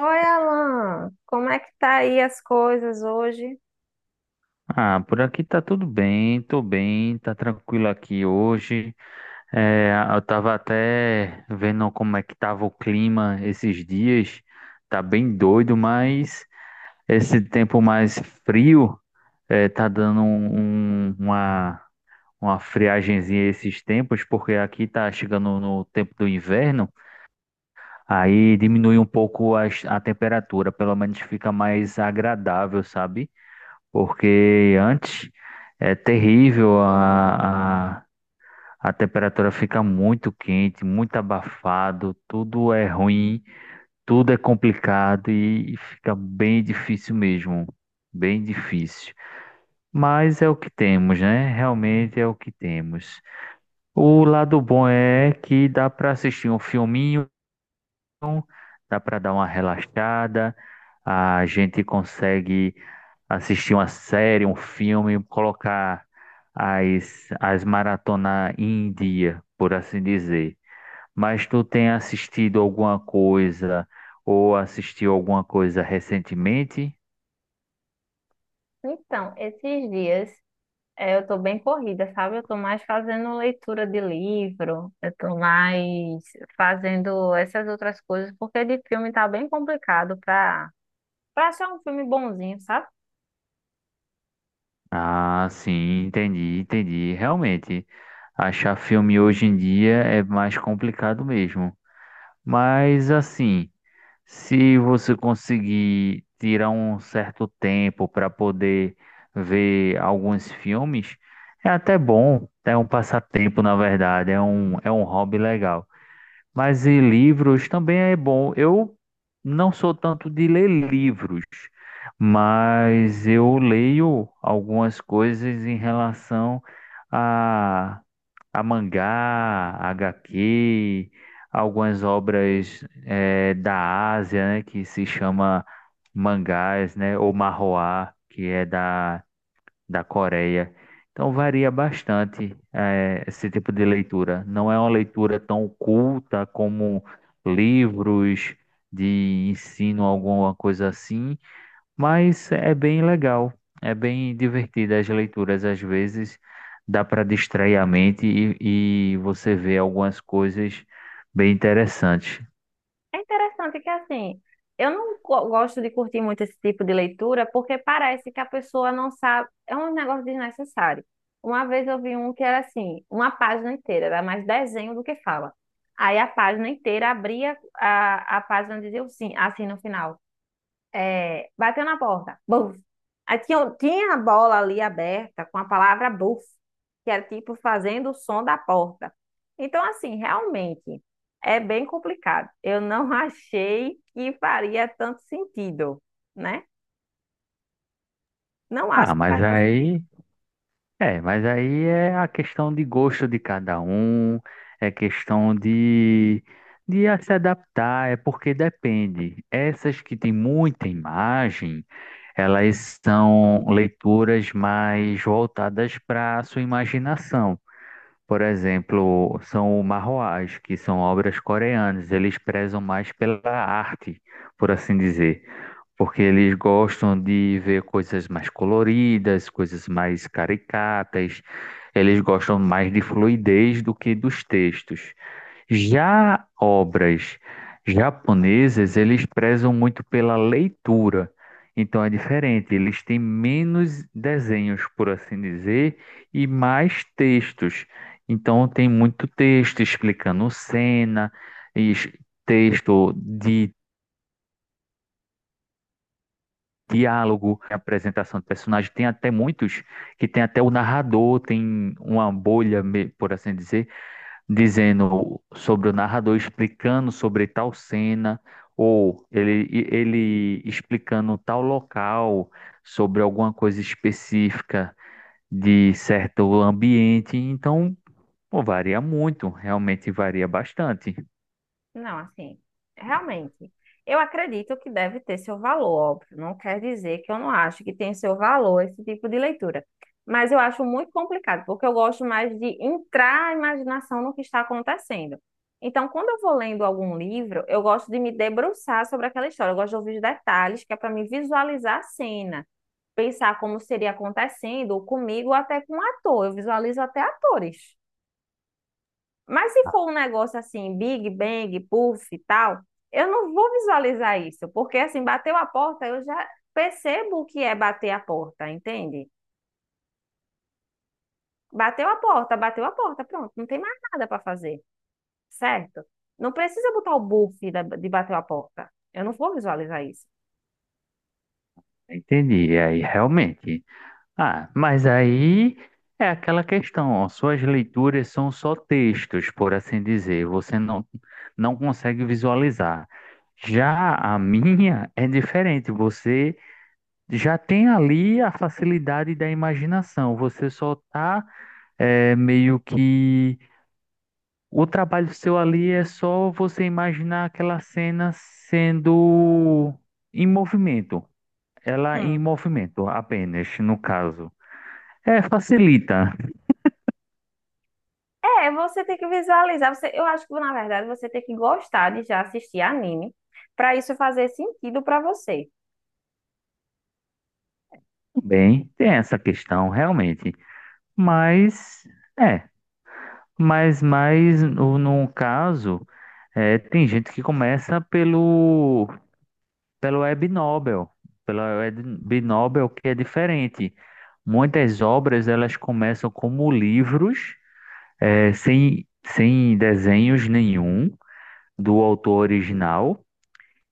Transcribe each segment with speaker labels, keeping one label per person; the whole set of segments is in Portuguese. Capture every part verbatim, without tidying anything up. Speaker 1: Oi, Alan, como é que tá aí as coisas hoje?
Speaker 2: Ah, por aqui tá tudo bem, tô bem, tá tranquilo aqui hoje. É, eu tava até vendo como é que tava o clima esses dias. Tá bem doido, mas esse tempo mais frio é, tá dando um- um- uma, uma friagenzinha esses tempos, porque aqui tá chegando no tempo do inverno, aí diminui um pouco as- a temperatura, pelo menos fica mais agradável, sabe? Porque antes é terrível, a, a, a temperatura fica muito quente, muito abafado, tudo é ruim, tudo é complicado e, e fica bem difícil mesmo, bem difícil. Mas é o que temos, né? Realmente é o que temos. O lado bom é que dá para assistir um filminho então, dá para dar uma relaxada, a gente consegue assistir uma série, um filme, colocar as, as maratona em dia, por assim dizer. Mas tu tem assistido alguma coisa ou assistiu alguma coisa recentemente?
Speaker 1: Então, esses dias eh, eu tô bem corrida, sabe? Eu tô mais fazendo leitura de livro, eu tô mais fazendo essas outras coisas, porque de filme tá bem complicado pra, pra achar um filme bonzinho, sabe?
Speaker 2: Ah, sim, entendi, entendi. Realmente, achar filme hoje em dia é mais complicado mesmo. Mas assim, se você conseguir tirar um certo tempo para poder ver alguns filmes, é até bom, é um passatempo, na verdade, é um, é um hobby legal. Mas e livros também é bom. Eu não sou tanto de ler livros, mas eu leio algumas coisas em relação a mangá, H Q, algumas obras eh, da Ásia, né, que se chama mangás, né, ou manhwa, que é da, da Coreia. Então varia bastante eh, esse tipo de leitura. Não é uma leitura tão culta como livros de ensino, alguma coisa assim, mas é bem legal, é bem divertida as leituras. Às vezes dá para distrair a mente e, e você vê algumas coisas bem interessantes.
Speaker 1: É interessante que, assim, eu não go- gosto de curtir muito esse tipo de leitura porque parece que a pessoa não sabe. É um negócio desnecessário. Uma vez eu vi um que era assim, uma página inteira, era mais desenho do que fala. Aí a página inteira abria a, a página e dizia assim, assim no final. É, bateu na porta. Buf. Aí tinha, tinha a bola ali aberta com a palavra buf, que era tipo fazendo o som da porta. Então, assim, realmente é bem complicado. Eu não achei que faria tanto sentido, né? Não acho
Speaker 2: Ah,
Speaker 1: que
Speaker 2: mas
Speaker 1: faz tanto sentido.
Speaker 2: aí. É, mas aí é a questão de gosto de cada um, é questão de, de a se adaptar, é porque depende. Essas que têm muita imagem, elas são leituras mais voltadas para a sua imaginação. Por exemplo, são o manhwas, que são obras coreanas. Eles prezam mais pela arte, por assim dizer, porque eles gostam de ver coisas mais coloridas, coisas mais caricatas. Eles gostam mais de fluidez do que dos textos. Já obras japonesas, eles prezam muito pela leitura. Então é diferente, eles têm menos desenhos, por assim dizer, e mais textos. Então tem muito texto explicando cena, e es- texto de diálogo, apresentação de personagem. Tem até muitos que tem até o narrador, tem uma bolha, me- por assim dizer, dizendo sobre o narrador explicando sobre tal cena, ou ele, ele explicando tal local, sobre alguma coisa específica de certo ambiente. Então, pô, varia muito, realmente varia bastante.
Speaker 1: Não, assim, realmente, eu acredito que deve ter seu valor, óbvio. Não quer dizer que eu não acho que tem seu valor esse tipo de leitura. Mas eu acho muito complicado, porque eu gosto mais de entrar a imaginação no que está acontecendo. Então, quando eu vou lendo algum livro, eu gosto de me debruçar sobre aquela história. Eu gosto de ouvir os detalhes, que é para me visualizar a cena, pensar como seria acontecendo, ou comigo, ou até com um ator. Eu visualizo até atores. Mas se for um negócio assim, Big Bang, Puff e tal, eu não vou visualizar isso, porque assim, bateu a porta, eu já percebo o que é bater a porta, entende? Bateu a porta, bateu a porta, pronto, não tem mais nada para fazer, certo? Não precisa botar o buff da- de bater a porta. Eu não vou visualizar isso.
Speaker 2: Entendi. E aí, realmente. Ah, mas aí é aquela questão, ó, suas leituras são só textos, por assim dizer, você não, não consegue visualizar. Já a minha é diferente, você já tem ali a facilidade da imaginação, você só tá é, meio que. O trabalho seu ali é só você imaginar aquela cena sendo em movimento, ela em
Speaker 1: Hum.
Speaker 2: movimento apenas, no caso. É, facilita.
Speaker 1: É, você tem que visualizar. Você, eu acho que, na verdade, você tem que gostar de já assistir anime para isso fazer sentido para você.
Speaker 2: Bem, tem essa questão realmente, mas é, mas mas no, no caso é, tem gente que começa pelo pelo Web Nobel, pela Web Nobel que é diferente. Muitas obras elas começam como livros é, sem sem desenhos nenhum do autor original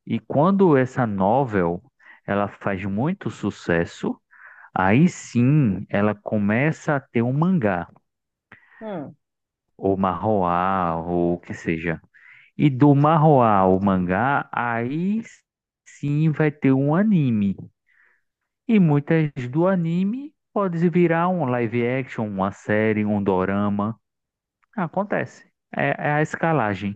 Speaker 2: e quando essa novel ela faz muito sucesso. Aí sim, ela começa a ter um mangá,
Speaker 1: Hum.
Speaker 2: ou manhwa, ou o que seja. E do manhwa ao mangá, aí sim vai ter um anime. E muitas do anime pode virar um live action, uma série, um dorama. Acontece. É, é a escalagem.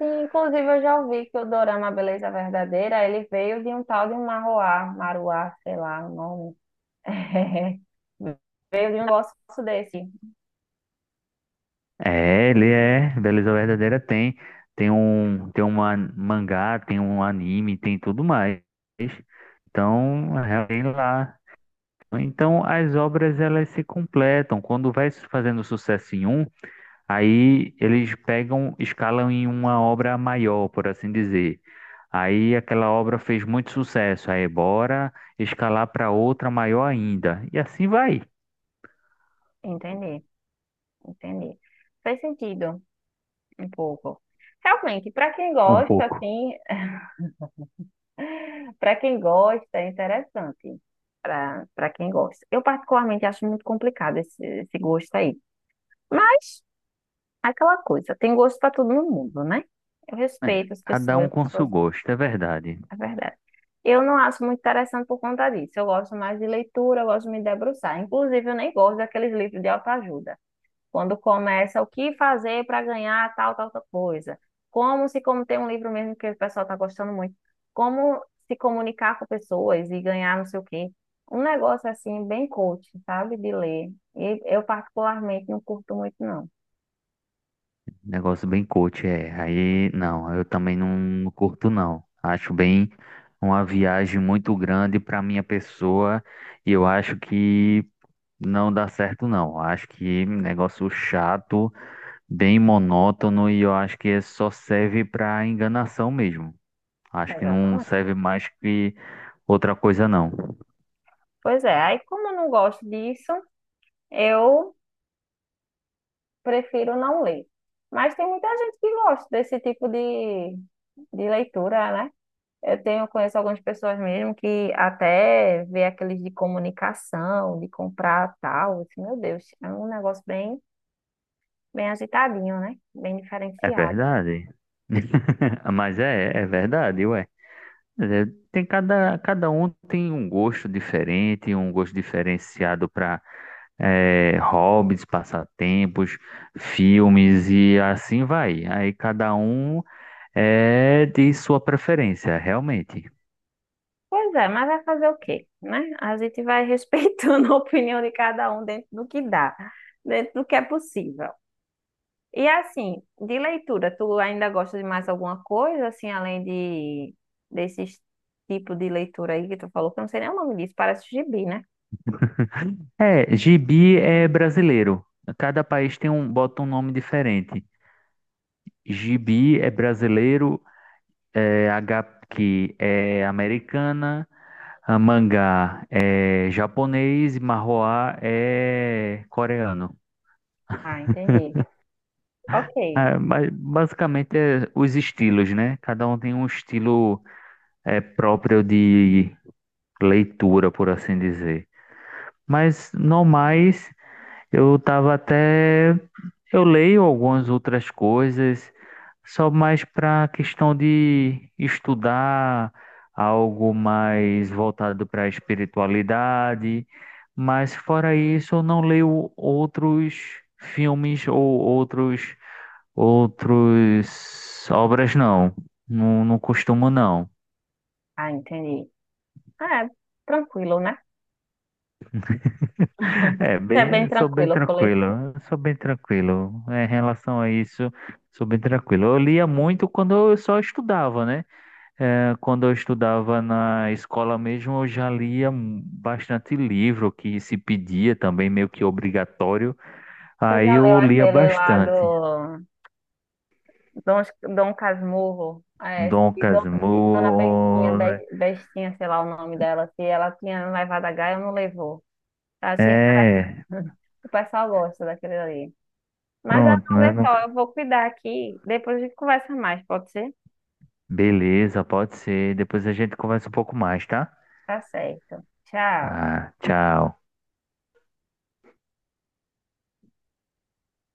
Speaker 1: Sim, inclusive eu já ouvi que o dorama Beleza Verdadeira, ele veio de um tal de Marruá, Maruá, sei lá o nome. Veio de um negócio desse.
Speaker 2: É, ele é, Beleza Verdadeira tem. Tem um, tem uma mangá, tem um anime, tem tudo mais. Então, realmente lá. Então, as obras elas se completam. Quando vai su- fazendo sucesso em um, aí eles pegam, escalam em uma obra maior, por assim dizer. Aí aquela obra fez muito sucesso, aí bora escalar para outra maior ainda. E assim vai
Speaker 1: Entendi, entendi. Faz sentido um pouco. Realmente, para quem
Speaker 2: um
Speaker 1: gosta,
Speaker 2: pouco.
Speaker 1: assim, para quem gosta, é interessante. Para para quem gosta. Eu particularmente acho muito complicado esse, esse gosto aí. Mas é aquela coisa, tem gosto para todo mundo, né? Eu
Speaker 2: É,
Speaker 1: respeito as
Speaker 2: cada
Speaker 1: pessoas,
Speaker 2: um
Speaker 1: as
Speaker 2: com seu
Speaker 1: pessoas.
Speaker 2: gosto, é verdade.
Speaker 1: É verdade. Eu não acho muito interessante por conta disso. Eu gosto mais de leitura, eu gosto de me debruçar. Inclusive, eu nem gosto daqueles livros de autoajuda. Quando começa o que fazer para ganhar tal, tal, tal coisa. Como se, como tem um livro mesmo que o pessoal está gostando muito, como se comunicar com pessoas e ganhar não sei o quê. Um negócio assim, bem coach, sabe? De ler. E eu, particularmente, não curto muito, não.
Speaker 2: Negócio bem coach, é. Aí, não, eu também não curto, não. Acho bem uma viagem muito grande para minha pessoa. E eu acho que não dá certo, não. Acho que negócio chato, bem monótono e eu acho que só serve para enganação mesmo. Acho que não
Speaker 1: Exatamente.
Speaker 2: serve mais que outra coisa, não.
Speaker 1: Pois é, aí como eu não gosto disso, eu prefiro não ler. Mas tem muita gente que gosta desse tipo de, de leitura, né? Eu tenho, conheço algumas pessoas mesmo que até vê aqueles de comunicação, de comprar tal. Assim, meu Deus, é um negócio bem, bem agitadinho, né? Bem
Speaker 2: É
Speaker 1: diferenciado.
Speaker 2: verdade. Mas é, é verdade, ué. É, tem cada, cada um tem um gosto diferente, um gosto diferenciado para hobbies, passatempos, filmes e assim vai. Aí cada um é de sua preferência, realmente.
Speaker 1: Pois é, mas vai fazer o quê, né? A gente vai respeitando a opinião de cada um dentro do que dá, dentro do que é possível. E assim, de leitura, tu ainda gosta de mais alguma coisa, assim, além de desses tipo de leitura aí que tu falou, que eu não sei nem o nome disso, parece gibi, né?
Speaker 2: É, gibi é brasileiro. Cada país tem um, bota um nome diferente. Gibi é brasileiro, é, H Q é americana, a mangá é japonês e manhwa é coreano.
Speaker 1: Ah, entendi. Ok.
Speaker 2: É, ba- basicamente é os estilos, né? Cada um tem um estilo é, próprio de leitura, por assim dizer. Mas, no mais, eu tava até. Eu leio algumas outras coisas, só mais para questão de estudar algo mais voltado para a espiritualidade, mas fora isso, eu não leio outros filmes ou outros outros obras não. Não, não costumo não.
Speaker 1: Ah, entendi. Ah, é tranquilo, né?
Speaker 2: É,
Speaker 1: É bem
Speaker 2: bem, sou bem
Speaker 1: tranquilo com
Speaker 2: tranquilo,
Speaker 1: leitura.
Speaker 2: eu sou bem tranquilo. É, em relação a isso, sou bem tranquilo. Eu lia muito quando eu só estudava, né? É, quando eu estudava na escola mesmo, eu já lia mu- bastante livro que se pedia também, meio que obrigatório.
Speaker 1: Você
Speaker 2: Aí
Speaker 1: já leu
Speaker 2: eu lia
Speaker 1: aquele lá
Speaker 2: bastante.
Speaker 1: do Dom, Dom Casmurro? É,
Speaker 2: Dom
Speaker 1: se Dona, se Dona Bestinha,
Speaker 2: Casmurro, né?
Speaker 1: Be- Bestinha, sei lá o nome dela, se ela tinha levado a Gaia ou não levou. Achei
Speaker 2: É,
Speaker 1: interessante. O pessoal gosta daquele ali. Mas ah,
Speaker 2: pronto, né?
Speaker 1: olha só, eu
Speaker 2: Nunca-
Speaker 1: vou cuidar aqui. Depois a gente conversa mais, pode ser?
Speaker 2: Beleza, pode ser. Depois a gente conversa um pouco mais, tá?
Speaker 1: Tá certo. Tchau.
Speaker 2: Tá, tchau.